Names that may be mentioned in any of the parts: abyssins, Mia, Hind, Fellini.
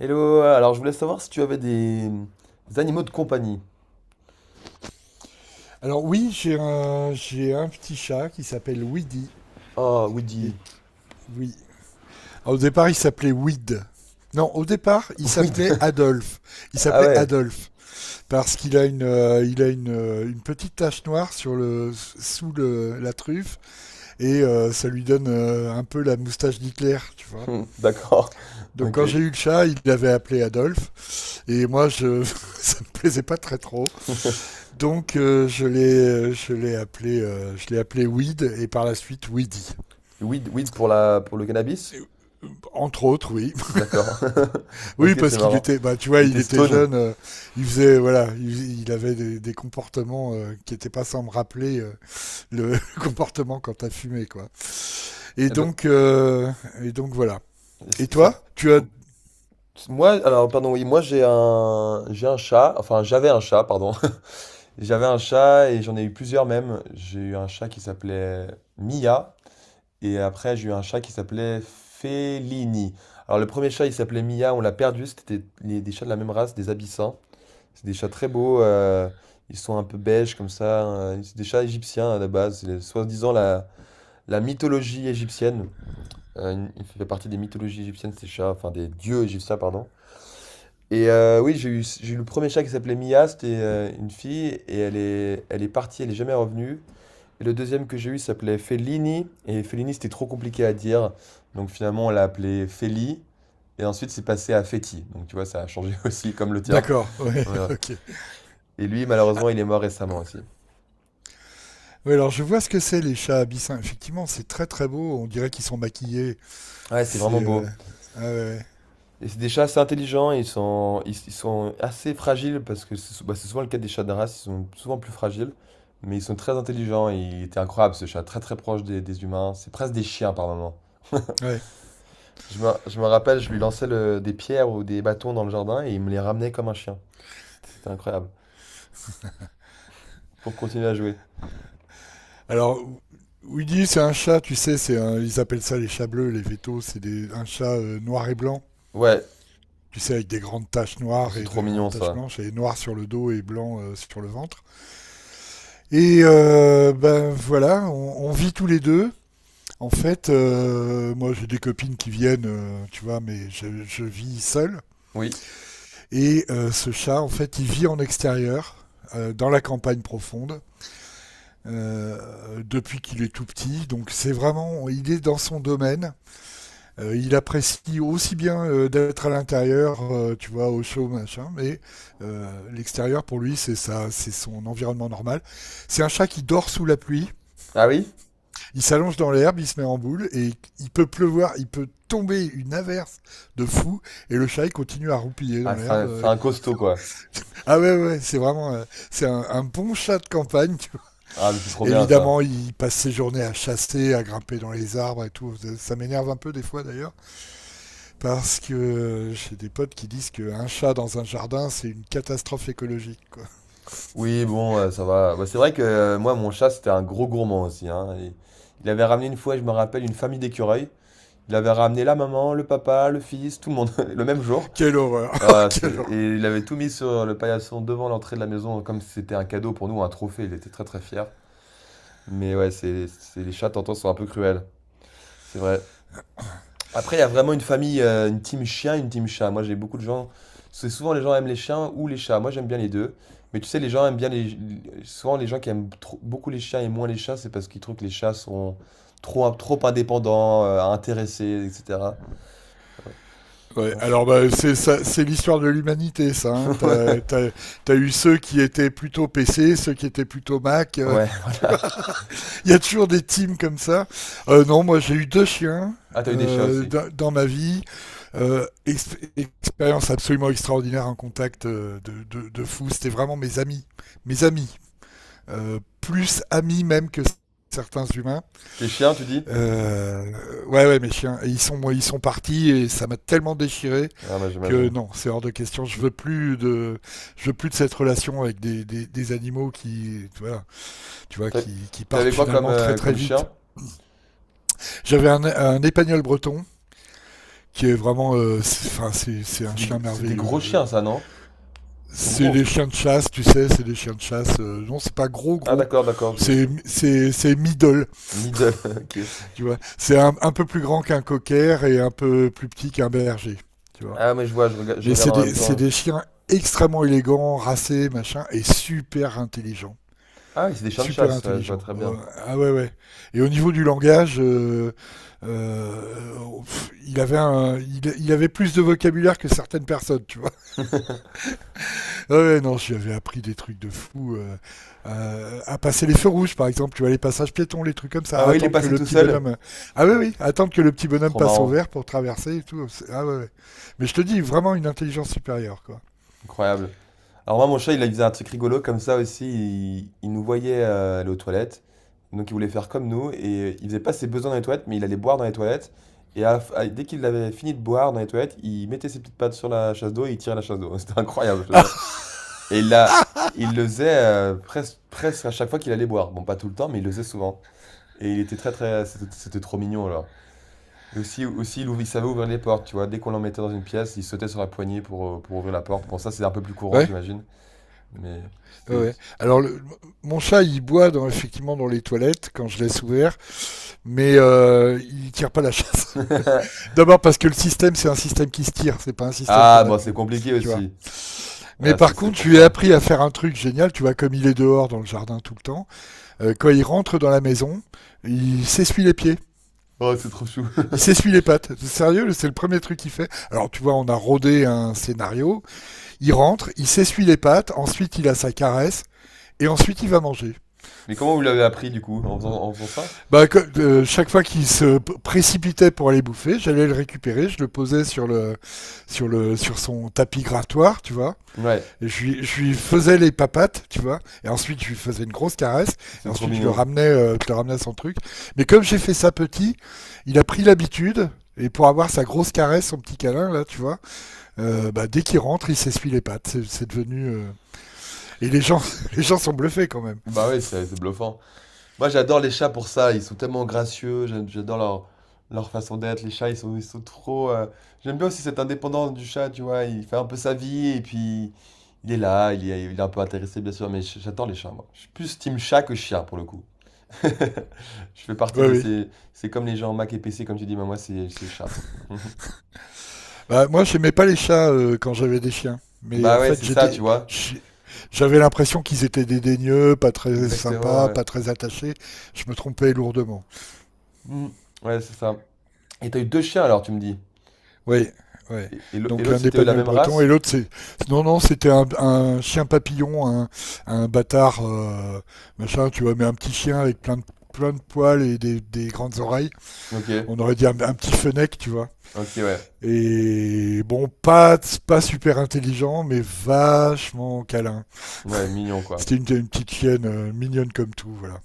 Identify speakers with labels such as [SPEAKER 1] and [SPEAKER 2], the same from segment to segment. [SPEAKER 1] Hello, alors je voulais savoir si tu avais des animaux de compagnie.
[SPEAKER 2] Alors oui, j'ai un petit chat qui s'appelle Weedy.
[SPEAKER 1] Oh, Weedy.
[SPEAKER 2] Et qui- oui. Alors, au départ, il s'appelait Weed. Non, au départ, il
[SPEAKER 1] Weed.
[SPEAKER 2] s'appelait Adolphe. Il
[SPEAKER 1] Ah
[SPEAKER 2] s'appelait
[SPEAKER 1] ouais.
[SPEAKER 2] Adolphe parce qu'une petite tache noire sur le, sous le, la truffe et ça lui donne un peu la moustache d'Hitler, tu vois.
[SPEAKER 1] Hmm, d'accord.
[SPEAKER 2] Donc
[SPEAKER 1] Ok.
[SPEAKER 2] quand j'ai eu le chat, il l'avait appelé Adolphe et moi, ça me plaisait pas très trop. Donc je l'ai appelé Weed et par la suite Weedy.
[SPEAKER 1] Weed, weed pour pour le cannabis?
[SPEAKER 2] Et, euh, Entre autres, oui.
[SPEAKER 1] D'accord. Ok,
[SPEAKER 2] Oui,
[SPEAKER 1] c'est
[SPEAKER 2] parce qu'il
[SPEAKER 1] marrant.
[SPEAKER 2] était, bah, tu vois,
[SPEAKER 1] Il
[SPEAKER 2] il
[SPEAKER 1] était
[SPEAKER 2] était
[SPEAKER 1] stone.
[SPEAKER 2] jeune, il faisait, voilà, il avait des comportements qui n'étaient pas sans me rappeler le comportement quand t'as fumé, quoi. Et
[SPEAKER 1] Et donc,
[SPEAKER 2] donc, euh, et donc voilà. Et
[SPEAKER 1] c'est ça.
[SPEAKER 2] toi,
[SPEAKER 1] Moi, alors, pardon, oui, moi j'ai un chat, enfin j'avais un chat, pardon. J'avais un chat et j'en ai eu plusieurs même. J'ai eu un chat qui s'appelait Mia. Et après, j'ai eu un chat qui s'appelait Fellini. Alors, le premier chat, il s'appelait Mia, on l'a perdu. C'était des chats de la même race, des abyssins. C'est des chats très beaux. Ils sont un peu beiges comme ça. C'est des chats égyptiens à la base. C'est soi-disant la mythologie égyptienne. Fait partie des mythologies égyptiennes, ces chats, enfin des dieux égyptiens, pardon. Et oui, j'ai eu le premier chat qui s'appelait Mia. C'était une fille et elle est partie, elle est jamais revenue. Et le deuxième que j'ai eu s'appelait Fellini, et Fellini c'était trop compliqué à dire, donc finalement on l'a appelé Feli, et ensuite c'est passé à Feti, donc tu vois ça a changé aussi comme le tien.
[SPEAKER 2] d'accord, ouais,
[SPEAKER 1] Ouais.
[SPEAKER 2] ok.
[SPEAKER 1] Et lui malheureusement il est mort récemment aussi.
[SPEAKER 2] Ouais, alors je vois ce que c'est les chats abyssins. Effectivement, c'est très très beau. On dirait qu'ils sont maquillés.
[SPEAKER 1] Ouais, c'est
[SPEAKER 2] C'est,
[SPEAKER 1] vraiment
[SPEAKER 2] euh,
[SPEAKER 1] beau.
[SPEAKER 2] ah ouais, ouais.
[SPEAKER 1] Et c'est des chats assez intelligents, ils sont assez fragiles, parce que bah, c'est souvent le cas des chats de race, ils sont souvent plus fragiles, mais ils sont très intelligents, et il était incroyable ce chat, très très proche des humains, c'est presque des chiens par moment.
[SPEAKER 2] Ouais.
[SPEAKER 1] Je me rappelle, je lui lançais des pierres ou des bâtons dans le jardin et il me les ramenait comme un chien. C'était incroyable. Pour continuer à jouer.
[SPEAKER 2] Alors, Woody, c'est un chat, tu sais, ils appellent ça les chats bleus, les vétos, un chat noir et blanc,
[SPEAKER 1] Ouais,
[SPEAKER 2] tu sais, avec des grandes taches noires
[SPEAKER 1] c'est
[SPEAKER 2] et
[SPEAKER 1] trop
[SPEAKER 2] des grandes
[SPEAKER 1] mignon
[SPEAKER 2] taches
[SPEAKER 1] ça.
[SPEAKER 2] blanches, et noir sur le dos et blanc sur le ventre. Ben voilà, on vit tous les deux. En fait, moi j'ai des copines qui viennent, tu vois, mais je vis seul.
[SPEAKER 1] Oui.
[SPEAKER 2] Ce chat, en fait, il vit en extérieur, dans la campagne profonde, depuis qu'il est tout petit. Donc c'est vraiment, il est dans son domaine. Il apprécie aussi bien d'être à l'intérieur, tu vois, au chaud, machin, mais l'extérieur pour lui, c'est ça, c'est son environnement normal. C'est un chat qui dort sous la pluie,
[SPEAKER 1] Ah oui?
[SPEAKER 2] il s'allonge dans l'herbe, il se met en boule et il peut pleuvoir, il peut tomber une averse de fou et le chat il continue à roupiller
[SPEAKER 1] Ah,
[SPEAKER 2] dans
[SPEAKER 1] c'est
[SPEAKER 2] l'herbe.
[SPEAKER 1] un, c'est un costaud quoi.
[SPEAKER 2] Ah ouais ouais, c'est vraiment c'est un bon chat de campagne. Tu vois.
[SPEAKER 1] Ah, mais c'est trop bien ça.
[SPEAKER 2] Évidemment, il passe ses journées à chasser, à grimper dans les arbres et tout. Ça m'énerve un peu des fois d'ailleurs. Parce que j'ai des potes qui disent qu'un chat dans un jardin, c'est une catastrophe écologique, quoi.
[SPEAKER 1] Oui, bon, ça va. Bah, c'est vrai que moi, mon chat, c'était un gros gourmand aussi. Hein. Il avait ramené une fois, je me rappelle, une famille d'écureuils. Il avait ramené la maman, le papa, le fils, tout le monde, le même jour.
[SPEAKER 2] Quelle horreur.
[SPEAKER 1] Ah,
[SPEAKER 2] Quelle horreur.
[SPEAKER 1] et il avait tout mis sur le paillasson devant l'entrée de la maison, comme si c'était un cadeau pour nous, un trophée. Il était très très fier. Mais ouais, les chats, t'entends, sont un peu cruels. C'est vrai. Après, il y a vraiment une famille, une team chien, une team chat. Moi, j'ai beaucoup de gens. C'est souvent les gens aiment les chiens ou les chats. Moi, j'aime bien les deux. Mais tu sais, les gens aiment bien les. Souvent, les gens qui aiment beaucoup les chiens et moins les chats, c'est parce qu'ils trouvent que les chats sont trop, trop indépendants, intéressés, etc.
[SPEAKER 2] Ouais,
[SPEAKER 1] Moi, je-
[SPEAKER 2] alors bah, c'est ça, c'est l'histoire de l'humanité, ça, hein. T'as, t'as, t'as eu ceux qui étaient plutôt PC, ceux qui étaient plutôt Mac.
[SPEAKER 1] Ouais,
[SPEAKER 2] Tu vois.
[SPEAKER 1] voilà.
[SPEAKER 2] Il y a toujours des teams comme ça. Non, moi j'ai eu deux chiens
[SPEAKER 1] Ah, t'as eu des chiens aussi.
[SPEAKER 2] dans ma vie. Expérience absolument extraordinaire en contact de fou. C'était vraiment mes amis, mes amis. Plus amis même que certains humains.
[SPEAKER 1] Tes chiens, tu dis?
[SPEAKER 2] Euh, ouais, ouais, mes chiens, ils sont partis et ça m'a tellement déchiré
[SPEAKER 1] Ah, bah,
[SPEAKER 2] que
[SPEAKER 1] j'imagine.
[SPEAKER 2] non, c'est hors de question. Je veux plus de cette relation avec des animaux qui, tu vois, tu vois
[SPEAKER 1] T'as-
[SPEAKER 2] qui, qui
[SPEAKER 1] T'avais
[SPEAKER 2] partent
[SPEAKER 1] quoi comme,
[SPEAKER 2] finalement très
[SPEAKER 1] euh,
[SPEAKER 2] très
[SPEAKER 1] comme
[SPEAKER 2] vite.
[SPEAKER 1] chien?
[SPEAKER 2] J'avais un épagnol breton qui est vraiment, enfin, c'est un
[SPEAKER 1] C'est des,
[SPEAKER 2] chien
[SPEAKER 1] gr- c'est des
[SPEAKER 2] merveilleux.
[SPEAKER 1] gros chiens, ça, non? Ils sont
[SPEAKER 2] C'est des
[SPEAKER 1] gros.
[SPEAKER 2] chiens de chasse, tu sais, c'est des chiens de chasse. Non, c'est pas gros
[SPEAKER 1] Ah,
[SPEAKER 2] gros,
[SPEAKER 1] d'accord, d'accord, je me
[SPEAKER 2] c'est
[SPEAKER 1] souviens.
[SPEAKER 2] c'est c'est middle.
[SPEAKER 1] Middle, ok.
[SPEAKER 2] Tu vois, c'est un peu plus grand qu'un cocker et un peu plus petit qu'un berger. Tu vois.
[SPEAKER 1] Ah mais je vois, je
[SPEAKER 2] Mais
[SPEAKER 1] regarde
[SPEAKER 2] c'est
[SPEAKER 1] en
[SPEAKER 2] des,
[SPEAKER 1] même
[SPEAKER 2] c'est
[SPEAKER 1] temps.
[SPEAKER 2] des chiens extrêmement élégants, racés, machin, et super intelligents.
[SPEAKER 1] Ah oui, c'est des chiens de
[SPEAKER 2] Super
[SPEAKER 1] chasse, ouais, je vois
[SPEAKER 2] intelligents.
[SPEAKER 1] très
[SPEAKER 2] Oh.
[SPEAKER 1] bien.
[SPEAKER 2] Ah ouais, ouais. Et au niveau du langage, pff, il avait plus de vocabulaire que certaines personnes, tu vois. Ah ouais, non, si j'avais appris des trucs de fou. À passer les feux rouges, par exemple, tu vois, les passages piétons, les trucs comme ça,
[SPEAKER 1] Ah
[SPEAKER 2] à
[SPEAKER 1] oui, il est
[SPEAKER 2] attendre que
[SPEAKER 1] passé
[SPEAKER 2] le
[SPEAKER 1] tout
[SPEAKER 2] petit
[SPEAKER 1] seul.
[SPEAKER 2] bonhomme. Ah oui, oui, attendre que le petit
[SPEAKER 1] C'est
[SPEAKER 2] bonhomme
[SPEAKER 1] trop
[SPEAKER 2] passe au
[SPEAKER 1] marrant,
[SPEAKER 2] vert pour traverser et tout. Ah ouais, ouais. Mais je te dis, vraiment une intelligence supérieure, quoi.
[SPEAKER 1] incroyable. Alors moi, mon chat, il faisait un truc rigolo comme ça aussi. Il nous voyait aller aux toilettes, donc il voulait faire comme nous et il faisait pas ses besoins dans les toilettes, mais il allait boire dans les toilettes. Et à la f- à- dès qu'il avait fini de boire dans les toilettes, il mettait ses petites pattes sur la chasse d'eau et il tirait la chasse d'eau. C'était incroyable, je te
[SPEAKER 2] Ah
[SPEAKER 1] jure. Et là, il le faisait presque à chaque fois qu'il allait boire. Bon, pas tout le temps, mais il le faisait souvent. Et il était très très. C'était trop mignon alors. Et aussi il savait ouvrir les portes, tu vois. Dès qu'on l'emmettait dans une pièce, il sautait sur la poignée pour ouvrir la porte. Bon, ça c'est un peu plus courant,
[SPEAKER 2] ouais,
[SPEAKER 1] j'imagine. Mais
[SPEAKER 2] ouais.
[SPEAKER 1] c'était les
[SPEAKER 2] Ouais.
[SPEAKER 1] petits. Ah,
[SPEAKER 2] Alors, mon chat, il boit dans, effectivement, dans les toilettes quand je laisse ouvert, mais il tire pas la chasse. D'abord parce que le système, c'est un système qui se tire, c'est pas un système
[SPEAKER 1] Ah,
[SPEAKER 2] qu'on
[SPEAKER 1] bon, c'est
[SPEAKER 2] appuie,
[SPEAKER 1] compliqué
[SPEAKER 2] tu vois.
[SPEAKER 1] aussi.
[SPEAKER 2] Mais
[SPEAKER 1] Ah, c'est
[SPEAKER 2] par
[SPEAKER 1] c'est
[SPEAKER 2] contre,
[SPEAKER 1] pour
[SPEAKER 2] je lui ai
[SPEAKER 1] ça.
[SPEAKER 2] appris à faire un truc génial, tu vois, comme il est dehors dans le jardin tout le temps, quand il rentre dans la maison, il s'essuie les pieds,
[SPEAKER 1] Oh, c'est trop chou.
[SPEAKER 2] il s'essuie les pattes. Sérieux, c'est le premier truc qu'il fait. Alors tu vois, on a rodé un scénario, il rentre, il s'essuie les pattes, ensuite il a sa caresse, et ensuite il va manger.
[SPEAKER 1] Mais comment vous l'avez appris du coup? En faisant ça?
[SPEAKER 2] Bah, chaque fois qu'il se précipitait pour aller bouffer, j'allais le récupérer, je le posais sur le, sur son tapis grattoir, tu vois.
[SPEAKER 1] Ouais,
[SPEAKER 2] Je lui faisais les papates, tu vois, et ensuite je lui faisais une grosse caresse, et
[SPEAKER 1] c'est trop
[SPEAKER 2] ensuite je le
[SPEAKER 1] mignon.
[SPEAKER 2] ramenais, euh, je le ramenais à son truc. Mais comme j'ai fait ça petit, il a pris l'habitude, et pour avoir sa grosse caresse, son petit câlin, là, tu vois, bah, dès qu'il rentre, il s'essuie les pattes. C'est devenu. Et les gens, les gens sont bluffés quand même.
[SPEAKER 1] Bah ouais, c'est bluffant. Moi, j'adore les chats pour ça. Ils sont tellement gracieux. J'adore leur façon d'être. Les chats, ils sont trop. J'aime bien aussi cette indépendance du chat, tu vois. Il fait un peu sa vie et puis il est là. Il est un peu intéressé, bien sûr. Mais j'adore les chats, moi. Je suis plus team chat que chien, pour le coup. Je fais partie
[SPEAKER 2] Oui,
[SPEAKER 1] de
[SPEAKER 2] oui.
[SPEAKER 1] ces. C'est comme les gens Mac et PC, comme tu dis, mais moi, c'est chat.
[SPEAKER 2] Bah, moi, j'aimais pas les chats quand j'avais des chiens. Mais
[SPEAKER 1] Bah
[SPEAKER 2] en
[SPEAKER 1] ouais,
[SPEAKER 2] fait,
[SPEAKER 1] c'est ça, tu vois.
[SPEAKER 2] j'avais l'impression qu'ils étaient dédaigneux, pas très
[SPEAKER 1] Exactement,
[SPEAKER 2] sympas,
[SPEAKER 1] ouais.
[SPEAKER 2] pas très attachés. Je me trompais lourdement.
[SPEAKER 1] Mm. Ouais, c'est ça. Et t'as eu deux chiens alors, tu me dis.
[SPEAKER 2] Oui, ouais.
[SPEAKER 1] Et
[SPEAKER 2] Donc
[SPEAKER 1] l'autre,
[SPEAKER 2] un
[SPEAKER 1] c'était la
[SPEAKER 2] d'Épagnol
[SPEAKER 1] même
[SPEAKER 2] breton et
[SPEAKER 1] race?
[SPEAKER 2] l'autre c'est non, non, c'était un chien papillon, un bâtard machin, tu vois, mais un petit chien avec plein de poils et des grandes oreilles.
[SPEAKER 1] Ok,
[SPEAKER 2] On aurait dit un petit fenec, tu vois.
[SPEAKER 1] ok, ouais.
[SPEAKER 2] Et bon, pas super intelligent, mais vachement câlin.
[SPEAKER 1] Ouais, mignon, quoi.
[SPEAKER 2] C'était une petite chienne mignonne comme tout, voilà.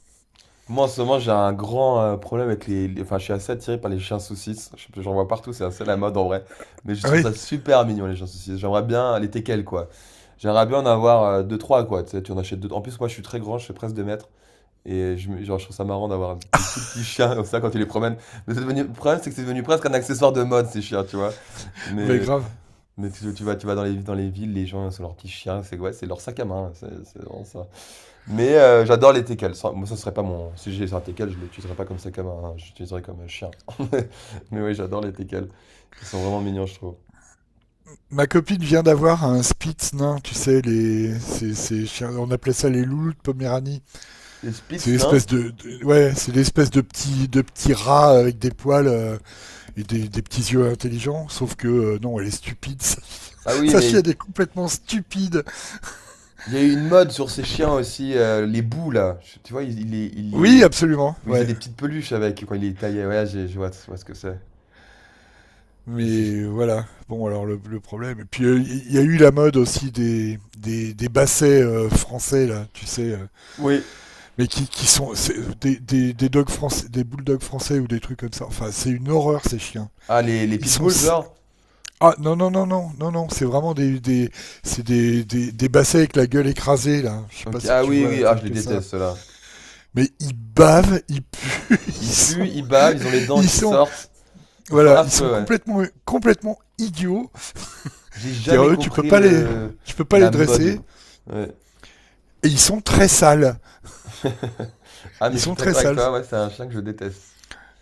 [SPEAKER 1] Moi, en ce moment, j'ai un grand problème avec Enfin, je suis assez attiré par les chiens saucisses. J'en vois partout, c'est assez la mode en vrai. Mais je
[SPEAKER 2] Ah
[SPEAKER 1] trouve
[SPEAKER 2] oui,
[SPEAKER 1] ça super mignon, les chiens saucisses. J'aimerais bien les teckels, quoi. J'aimerais bien en avoir deux, trois, quoi. Tu sais, tu en achètes deux. En plus, moi, je suis très grand, je fais presque 2 mètres. Et genre, je trouve ça marrant d'avoir des tout petits chiens comme ça quand tu les promènes. Mais c'est devenu, le problème, c'est que c'est devenu presque un accessoire de mode, ces chiens, tu vois.
[SPEAKER 2] mais
[SPEAKER 1] Mais,
[SPEAKER 2] grave.
[SPEAKER 1] mais tu vas dans les villes, les gens, c'est leurs petits chiens. C'est ouais, c'est leur sac à main. C'est vraiment ça. Mais j'adore les teckels. Moi, ça serait pas mon. Si j'ai un teckel, je l'utiliserais pas comme ça, comme un. J'utiliserais comme un chien. Mais oui, j'adore les teckels. Ils sont vraiment mignons, je trouve.
[SPEAKER 2] Ma copine vient d'avoir un Spitz nain, tu sais, ces chiens, on appelait ça les loulous de Poméranie.
[SPEAKER 1] Les
[SPEAKER 2] C'est
[SPEAKER 1] Spitz, non?
[SPEAKER 2] l'espèce de, ouais, c'est l'espèce de petit rat avec des poils et des petits yeux intelligents, sauf que non, elle est stupide.
[SPEAKER 1] Ah oui,
[SPEAKER 2] Sachi,
[SPEAKER 1] mais
[SPEAKER 2] elle est complètement stupide.
[SPEAKER 1] il y a eu une mode sur ces chiens aussi, les bouts là. Tu vois, ils les.
[SPEAKER 2] Oui, absolument,
[SPEAKER 1] Où ils faisaient
[SPEAKER 2] ouais.
[SPEAKER 1] des petites peluches avec quand ils les taillaient. Ouais, je vois, ce que c'est. Si je-
[SPEAKER 2] Mais voilà. Bon, alors le problème. Et puis il y a eu la mode aussi des bassets français là, tu sais,
[SPEAKER 1] Oui.
[SPEAKER 2] mais qui sont des dogs français, des bulldogs français ou des trucs comme ça. Enfin, c'est une horreur ces chiens.
[SPEAKER 1] Ah, les
[SPEAKER 2] Ils sont
[SPEAKER 1] pitbulls, genre?
[SPEAKER 2] Ah, non non non non non non, c'est vraiment des c'est des bassets avec la gueule écrasée là, je sais pas
[SPEAKER 1] Ok,
[SPEAKER 2] si
[SPEAKER 1] ah
[SPEAKER 2] tu
[SPEAKER 1] oui,
[SPEAKER 2] vois la
[SPEAKER 1] oui, ah, je
[SPEAKER 2] tête
[SPEAKER 1] les
[SPEAKER 2] que ça.
[SPEAKER 1] déteste, ceux-là.
[SPEAKER 2] Mais ils bavent, ils puent. ils
[SPEAKER 1] Ils puent,
[SPEAKER 2] sont
[SPEAKER 1] ils bavent, ils ont les dents
[SPEAKER 2] ils
[SPEAKER 1] qui
[SPEAKER 2] sont
[SPEAKER 1] sortent. Ils sont
[SPEAKER 2] voilà, ils
[SPEAKER 1] affreux,
[SPEAKER 2] sont
[SPEAKER 1] ouais.
[SPEAKER 2] complètement complètement idiots.
[SPEAKER 1] J'ai
[SPEAKER 2] Dire
[SPEAKER 1] jamais
[SPEAKER 2] eux tu peux
[SPEAKER 1] compris
[SPEAKER 2] pas les
[SPEAKER 1] le
[SPEAKER 2] Tu peux pas les
[SPEAKER 1] la mode.
[SPEAKER 2] dresser.
[SPEAKER 1] Ouais.
[SPEAKER 2] Et ils sont très sales,
[SPEAKER 1] Ah, mais
[SPEAKER 2] ils
[SPEAKER 1] je suis
[SPEAKER 2] sont très
[SPEAKER 1] d'accord avec
[SPEAKER 2] sales.
[SPEAKER 1] toi, ouais, c'est un chien que je déteste.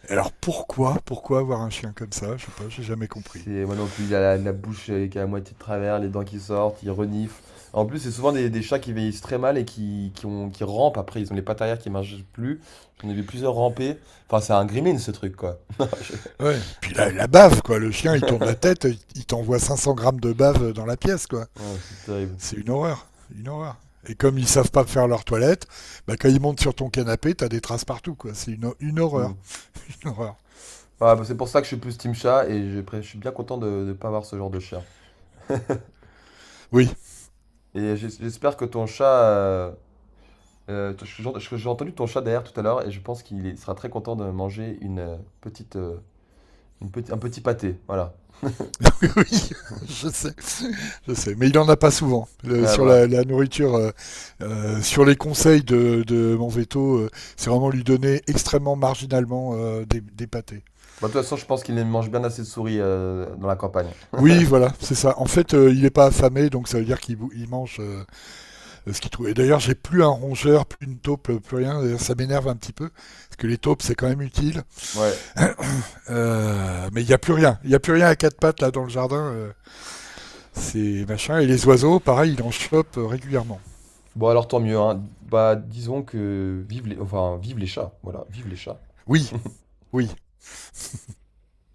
[SPEAKER 2] Alors pourquoi avoir un chien comme ça, je sais pas, j'ai jamais compris.
[SPEAKER 1] C'est moi non plus, il a la bouche qui est à moitié de travers, les dents qui sortent, il renifle. En plus, c'est souvent des chats qui vieillissent très mal et qui rampent après. Ils ont les pattes arrière qui marchent plus. J'en ai vu plusieurs ramper. Enfin, c'est un gremlin ce truc, quoi. Non,
[SPEAKER 2] Ouais, puis la bave, quoi. Le chien il tourne la tête, il t'envoie 500 grammes de bave dans la pièce, quoi.
[SPEAKER 1] Ah, c'est terrible.
[SPEAKER 2] C'est une horreur, une horreur. Et comme ils savent pas faire leur toilette, bah quand ils montent sur ton canapé, t'as des traces partout, quoi. C'est une
[SPEAKER 1] Hmm. Ouais,
[SPEAKER 2] horreur, une horreur.
[SPEAKER 1] bah, c'est pour ça que je suis plus team chat et je suis bien content de ne pas avoir ce genre de chien.
[SPEAKER 2] Oui,
[SPEAKER 1] Et j'espère que ton chat. J'ai entendu ton chat derrière tout à l'heure et je pense qu'il sera très content de manger une petite, une petit, un petit pâté. Voilà.
[SPEAKER 2] oui, oui, je sais, je sais. Mais il en a pas souvent.
[SPEAKER 1] Ah
[SPEAKER 2] Sur
[SPEAKER 1] bah.
[SPEAKER 2] la nourriture, sur les conseils de mon veto, c'est vraiment lui donner extrêmement marginalement des pâtés.
[SPEAKER 1] Bah, de toute façon, je pense qu'il mange bien assez de souris dans la campagne.
[SPEAKER 2] Oui, voilà, c'est ça. En fait, il est pas affamé, donc ça veut dire il mange ce qu'il trouvait. D'ailleurs, j'ai plus un rongeur, plus une taupe, plus rien. Ça m'énerve un petit peu, parce que les taupes, c'est quand même utile.
[SPEAKER 1] Ouais.
[SPEAKER 2] Mais il n'y a plus rien. Il n'y a plus rien à quatre pattes là dans le jardin. C'est machin. Et les oiseaux, pareil, il en chope régulièrement.
[SPEAKER 1] Bon, alors tant mieux, hein. Bah, disons que enfin, vive les chats. Voilà, vive les chats.
[SPEAKER 2] Oui, oui.